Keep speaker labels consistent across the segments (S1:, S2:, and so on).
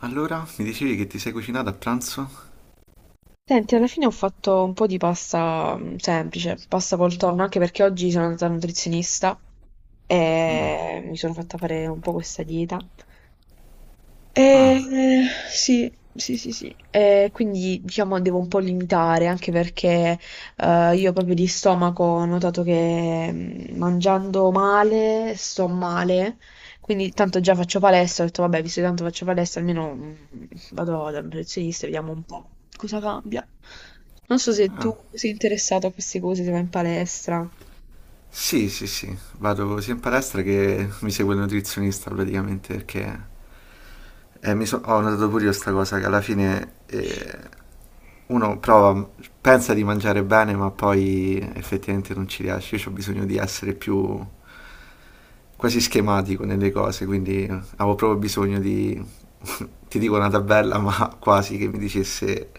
S1: Allora, mi dicevi che ti sei cucinato a pranzo?
S2: Senti, alla fine ho fatto un po' di pasta semplice, pasta col tonno, anche perché oggi sono andata al nutrizionista e mi sono fatta fare un po' questa dieta.
S1: Ah,
S2: Sì, sì, sì, sì. Quindi diciamo devo un po' limitare, anche perché io proprio di stomaco ho notato che, mangiando male sto male. Quindi, tanto già faccio palestra, ho detto vabbè, visto che tanto faccio palestra, almeno vado dal nutrizionista e vediamo un po' cosa cambia. Non so se tu
S1: ah,
S2: sei interessato a queste cose, se vai in palestra.
S1: sì, sì, sì, vado sia in palestra che mi segue il nutrizionista praticamente perché ho notato pure io sta cosa che alla fine uno prova, pensa di mangiare bene, ma poi effettivamente non ci riesce. Io ho bisogno di essere più quasi schematico nelle cose, quindi avevo proprio bisogno di, ti dico una tabella, ma quasi che mi dicesse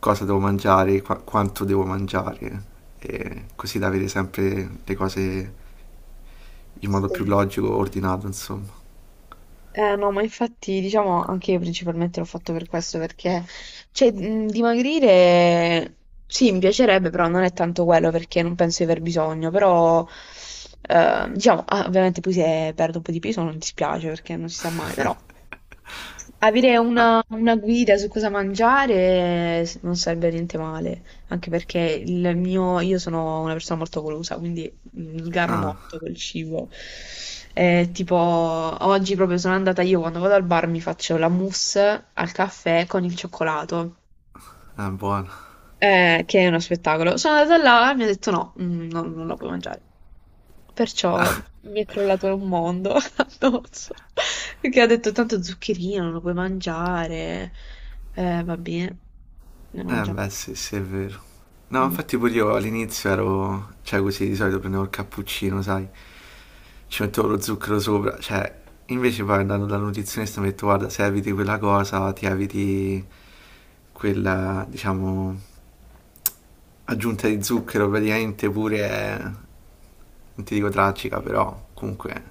S1: cosa devo mangiare, quanto devo mangiare, e così da avere sempre le cose in modo più
S2: Sì.
S1: logico, ordinato, insomma.
S2: No, ma infatti, diciamo, anche io principalmente l'ho fatto per questo, perché, cioè, dimagrire, sì, mi piacerebbe, però non è tanto quello, perché non penso di aver bisogno. Però, diciamo, ovviamente poi se perdo un po' di peso non dispiace, perché non si sa mai. Però avere
S1: Ah,
S2: una guida su cosa mangiare non sarebbe niente male, anche perché il mio, io sono una persona molto golosa, quindi sgarro molto col cibo. Tipo, oggi proprio sono andata io, quando vado al bar mi faccio la mousse al caffè con il cioccolato,
S1: ah, è buono.
S2: che è uno spettacolo. Sono andata là e mi ha detto no, non, non la puoi mangiare. Perciò mi è crollato un mondo addosso. Perché ha detto tanto zuccherino, non lo puoi mangiare. Va bene, non lo
S1: Eh
S2: mangiamo.
S1: beh sì, sì, è vero. No,
S2: Mm.
S1: infatti pure io all'inizio ero, cioè così di solito prendevo il cappuccino, sai, ci mettevo lo zucchero sopra, cioè invece poi andando dal nutrizionista mi ha detto guarda, se eviti quella cosa, ti eviti quella, diciamo, aggiunta di zucchero, praticamente pure, non ti dico tragica, però comunque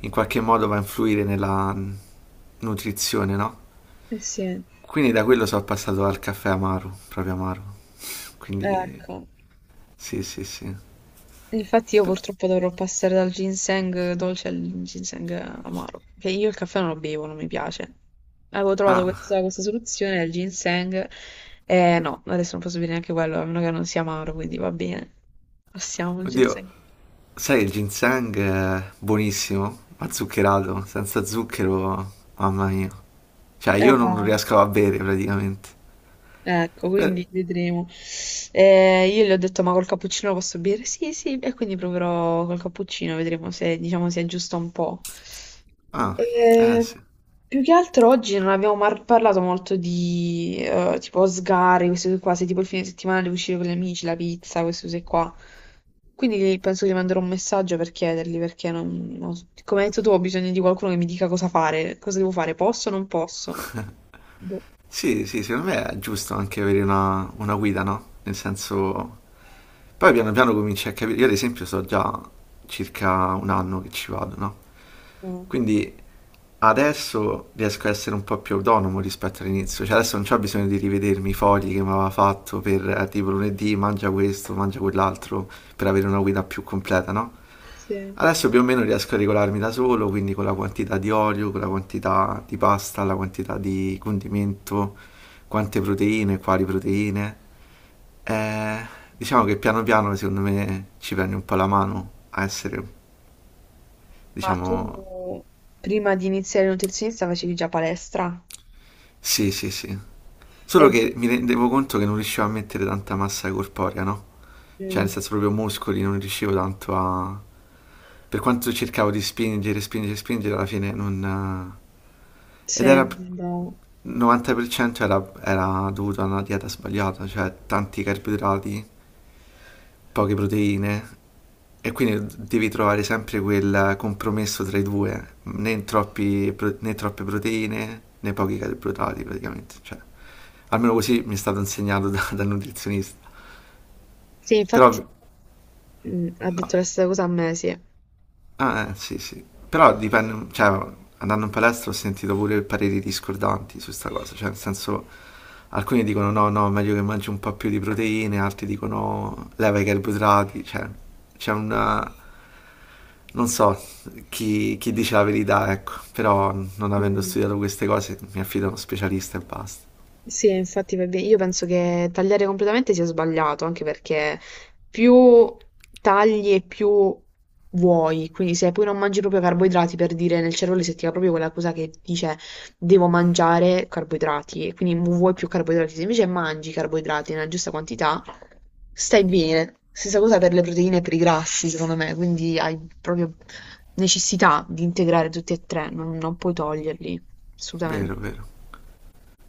S1: in qualche modo va a influire nella nutrizione, no?
S2: Eh sì,
S1: Quindi da quello sono passato al caffè amaro, proprio amaro. Quindi
S2: ecco.
S1: sì, sì, sì.
S2: Infatti io
S1: Però
S2: purtroppo dovrò passare dal ginseng dolce al ginseng amaro. Perché io il caffè non lo bevo, non mi piace. Avevo trovato
S1: ah,
S2: questa, questa soluzione del ginseng. Eh no, adesso non posso bere neanche quello, a meno che non sia amaro, quindi va bene. Passiamo il
S1: oddio,
S2: ginseng.
S1: sai il ginseng è buonissimo, ma zuccherato, senza zucchero, mamma mia. Cioè
S2: Eh,
S1: io non lo riesco a bere praticamente.
S2: Ecco,
S1: Per-
S2: quindi vedremo. Io le ho detto, ma col cappuccino lo posso bere? Sì, sì, e quindi proverò col cappuccino, vedremo se, diciamo, si aggiusta un po'.
S1: ah, eh
S2: Eh,
S1: sì.
S2: più che altro oggi non abbiamo parlato molto di, tipo, sgari, queste cose qua, se tipo il fine settimana devo uscire con gli amici, la pizza, queste cose qua. Quindi penso che gli manderò un messaggio per chiedergli, perché non, non so. Come hai detto tu, ho bisogno di qualcuno che mi dica cosa fare, cosa devo fare, posso o non posso? Boh.
S1: Sì, sì, secondo me è giusto anche avere una guida, no? Nel senso poi piano piano cominci a capire, io ad esempio so già circa un anno che ci vado, no?
S2: eh,
S1: Quindi adesso riesco a essere un po' più autonomo rispetto all'inizio, cioè adesso non c'ho bisogno di rivedermi i fogli che mi aveva fatto per tipo lunedì mangia questo, mangia quell'altro, per avere una guida più completa, no?
S2: Sì.
S1: Adesso più o meno riesco a regolarmi da solo, quindi con la quantità di olio, con la quantità di pasta, la quantità di condimento, quante proteine, quali proteine. Eh, diciamo che piano piano secondo me ci prendi un po' la mano a essere,
S2: Ma
S1: diciamo,
S2: tu prima di iniziare il nutrizionista facevi già palestra?
S1: sì, sì, sì.
S2: E...
S1: Solo che mi rendevo conto che non riuscivo a mettere tanta massa corporea, no? Cioè, nel
S2: Mm.
S1: senso proprio muscoli, non riuscivo tanto a... Per quanto cercavo di spingere, spingere, spingere, alla fine non... Ed
S2: Sì,
S1: era...
S2: andavo.
S1: 90% era, era dovuto a una dieta sbagliata, cioè tanti carboidrati, poche proteine e quindi devi trovare sempre quel compromesso tra i due, né, né troppe proteine né pochi carboidrati praticamente, cioè, almeno così mi è stato insegnato dal nutrizionista,
S2: Sì, infatti
S1: però
S2: ha
S1: no,
S2: detto la stessa cosa a me, sì.
S1: ah, sì, sì. Però dipende, cioè, andando in palestra ho sentito pure pareri discordanti su sta cosa, cioè, nel senso, alcuni dicono no, no, meglio che mangi un po' più di proteine, altri dicono leva i carboidrati, cioè, c'è una... Non so chi, chi dice la verità, ecco, però non avendo
S2: Mm.
S1: studiato queste cose mi affido a uno specialista e basta.
S2: Sì, infatti va bene. Io penso che tagliare completamente sia sbagliato, anche perché più tagli e più vuoi. Quindi se poi non mangi proprio carboidrati, per dire, nel cervello si attiva proprio quella cosa che dice devo mangiare carboidrati, e quindi vuoi più carboidrati. Se invece mangi carboidrati nella giusta quantità, stai bene. Stessa cosa per le proteine e per i grassi, secondo me. Quindi hai proprio necessità di integrare tutti e tre, non, non puoi toglierli, assolutamente.
S1: Vero, vero.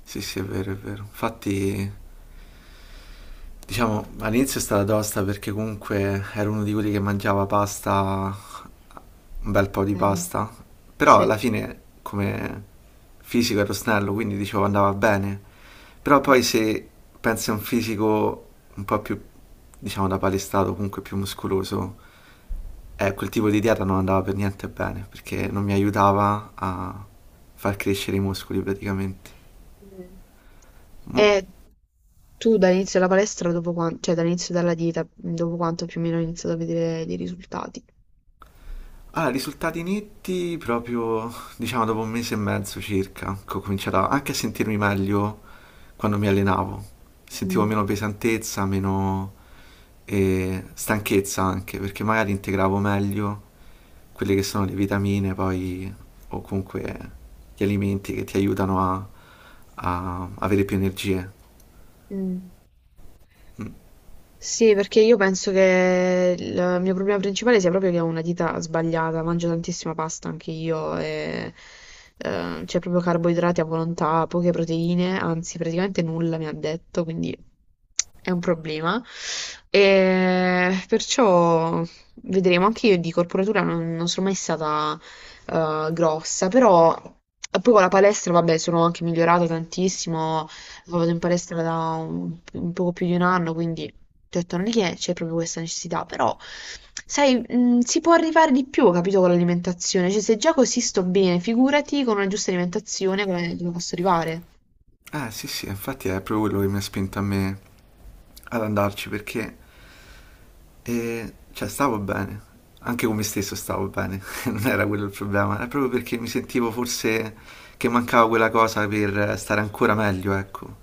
S1: Sì, sì, è vero, è vero. Infatti diciamo, all'inizio è stata tosta perché comunque ero uno di quelli che mangiava pasta, un bel po' di
S2: Mm.
S1: pasta, però
S2: Sì.
S1: alla fine come fisico ero snello, quindi dicevo andava bene. Però poi se pensi a un fisico un po' più, diciamo, da palestrato, comunque più muscoloso, quel tipo di dieta non andava per niente bene, perché non mi aiutava a far crescere i muscoli praticamente.
S2: Mm.
S1: Mo-
S2: E tu dall'inizio della palestra, dopo cioè dall'inizio della dieta, dopo quanto più o meno hai iniziato a vedere dei risultati?
S1: Allora, risultati netti proprio, diciamo, dopo un mese e mezzo circa, che ho cominciato anche a sentirmi meglio quando mi allenavo. Sentivo
S2: Mm.
S1: meno pesantezza, meno stanchezza anche, perché magari integravo meglio quelle che sono le vitamine, poi, o comunque gli alimenti che ti aiutano a, a avere più energie.
S2: Mm.
S1: Mm.
S2: Sì, perché io penso che il mio problema principale sia proprio che ho una dieta sbagliata, mangio tantissima pasta anche io. E, c'è proprio carboidrati a volontà, poche proteine, anzi praticamente nulla mi ha detto, quindi è un problema. E perciò vedremo, anche io di corporatura non, non sono mai stata grossa. Però poi con la palestra, vabbè, sono anche migliorata tantissimo, vado in palestra da un poco più di un anno, quindi ti ho detto negli è c'è proprio questa necessità. Però sai, si può arrivare di più, capito, con l'alimentazione, cioè se già così sto bene, figurati con una giusta alimentazione come dove posso arrivare.
S1: Eh sì sì, infatti è proprio quello che mi ha spinto a me ad andarci, perché e cioè stavo bene, anche con me stesso stavo bene, non era quello il problema, è proprio perché mi sentivo forse che mancava quella cosa per stare ancora meglio, ecco.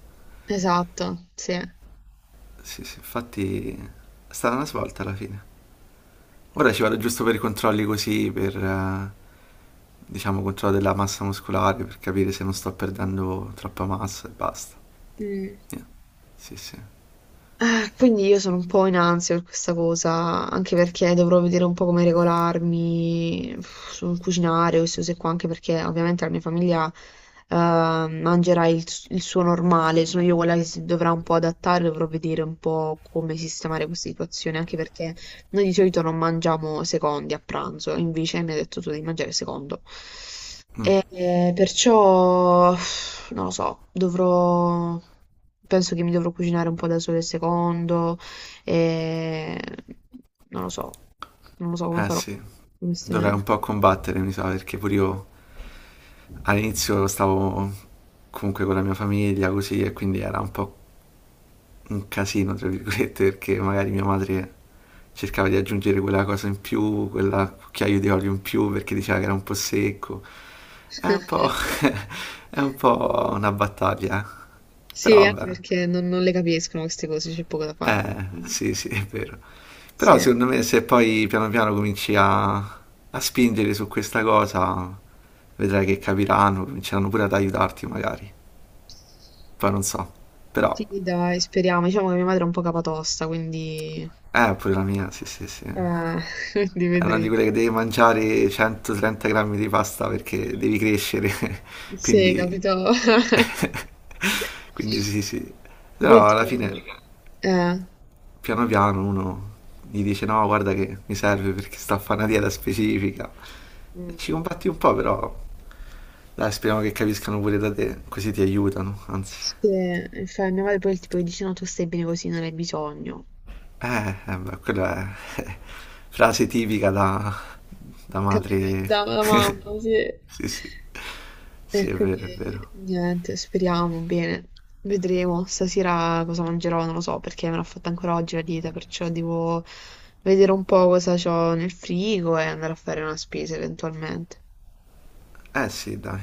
S2: Esatto, sì.
S1: Sì, sì, infatti è stata una svolta alla fine. Ora ci vado giusto per i controlli così, per diciamo controllo della massa muscolare, per capire se non sto perdendo troppa massa e basta.
S2: Mm.
S1: Yeah. Sì, sì.
S2: Quindi io sono un po' in ansia per questa cosa, anche perché dovrò vedere un po' come regolarmi sul cucinare o queste cose qua, anche perché ovviamente la mia famiglia mangerà il suo normale, sono io quella che si dovrà un po' adattare, dovrò vedere un po' come sistemare questa situazione, anche perché noi di solito non mangiamo secondi a pranzo, invece mi hai detto tu di mangiare secondo.
S1: Mm,
S2: E, perciò, non lo so, dovrò, penso che mi dovrò cucinare un po' da sola il secondo, e non lo so, non lo so come
S1: eh
S2: farò,
S1: sì, dovrei
S2: onestamente.
S1: un po' combattere, mi sa, perché pure io all'inizio stavo comunque con la mia famiglia così e quindi era un po' un casino, tra virgolette, perché magari mia madre cercava di aggiungere quella cosa in più, quella cucchiaio di olio in più perché diceva che era un po' secco. È un po', è un po' una battaglia, eh.
S2: Sì,
S1: Però
S2: anche
S1: vabbè,
S2: perché non, non le capiscono queste cose, c'è poco da fare.
S1: sì, sì, è vero. Però
S2: Sì.
S1: secondo me se poi piano piano cominci a, a spingere su questa cosa, vedrai che capiranno, cominceranno pure ad aiutarti magari. Poi non so, però,
S2: Sì, dai, speriamo. Diciamo che mia madre è un po' capatosta, quindi,
S1: pure la mia, sì, sì, sì.
S2: eh,
S1: È
S2: quindi
S1: una di quelle
S2: vedremo.
S1: che devi mangiare 130 grammi di pasta perché devi crescere,
S2: Sì,
S1: quindi,
S2: capito?
S1: quindi sì, sì.
S2: Poi
S1: Però alla
S2: tipo,
S1: fine,
S2: eh,
S1: piano piano, uno gli dice no, guarda che mi serve perché sto a fare una dieta specifica.
S2: Mm.
S1: Ci combatti un po', però, dai, speriamo che capiscano pure da te, così ti aiutano, anzi.
S2: Cioè, mia madre poi tipo dice no, tu stai bene così, non hai bisogno.
S1: Beh, quella è frase tipica da, da madre.
S2: Capito? Da, da mamma, sì.
S1: Sì, sì. Sì,
S2: E
S1: è vero, è
S2: quindi
S1: vero.
S2: niente, speriamo bene. Vedremo stasera cosa mangerò, non lo so, perché me l'ho fatta ancora oggi la dieta, perciò devo vedere un po' cosa ho nel frigo e andare a fare una spesa eventualmente.
S1: Eh sì, dai.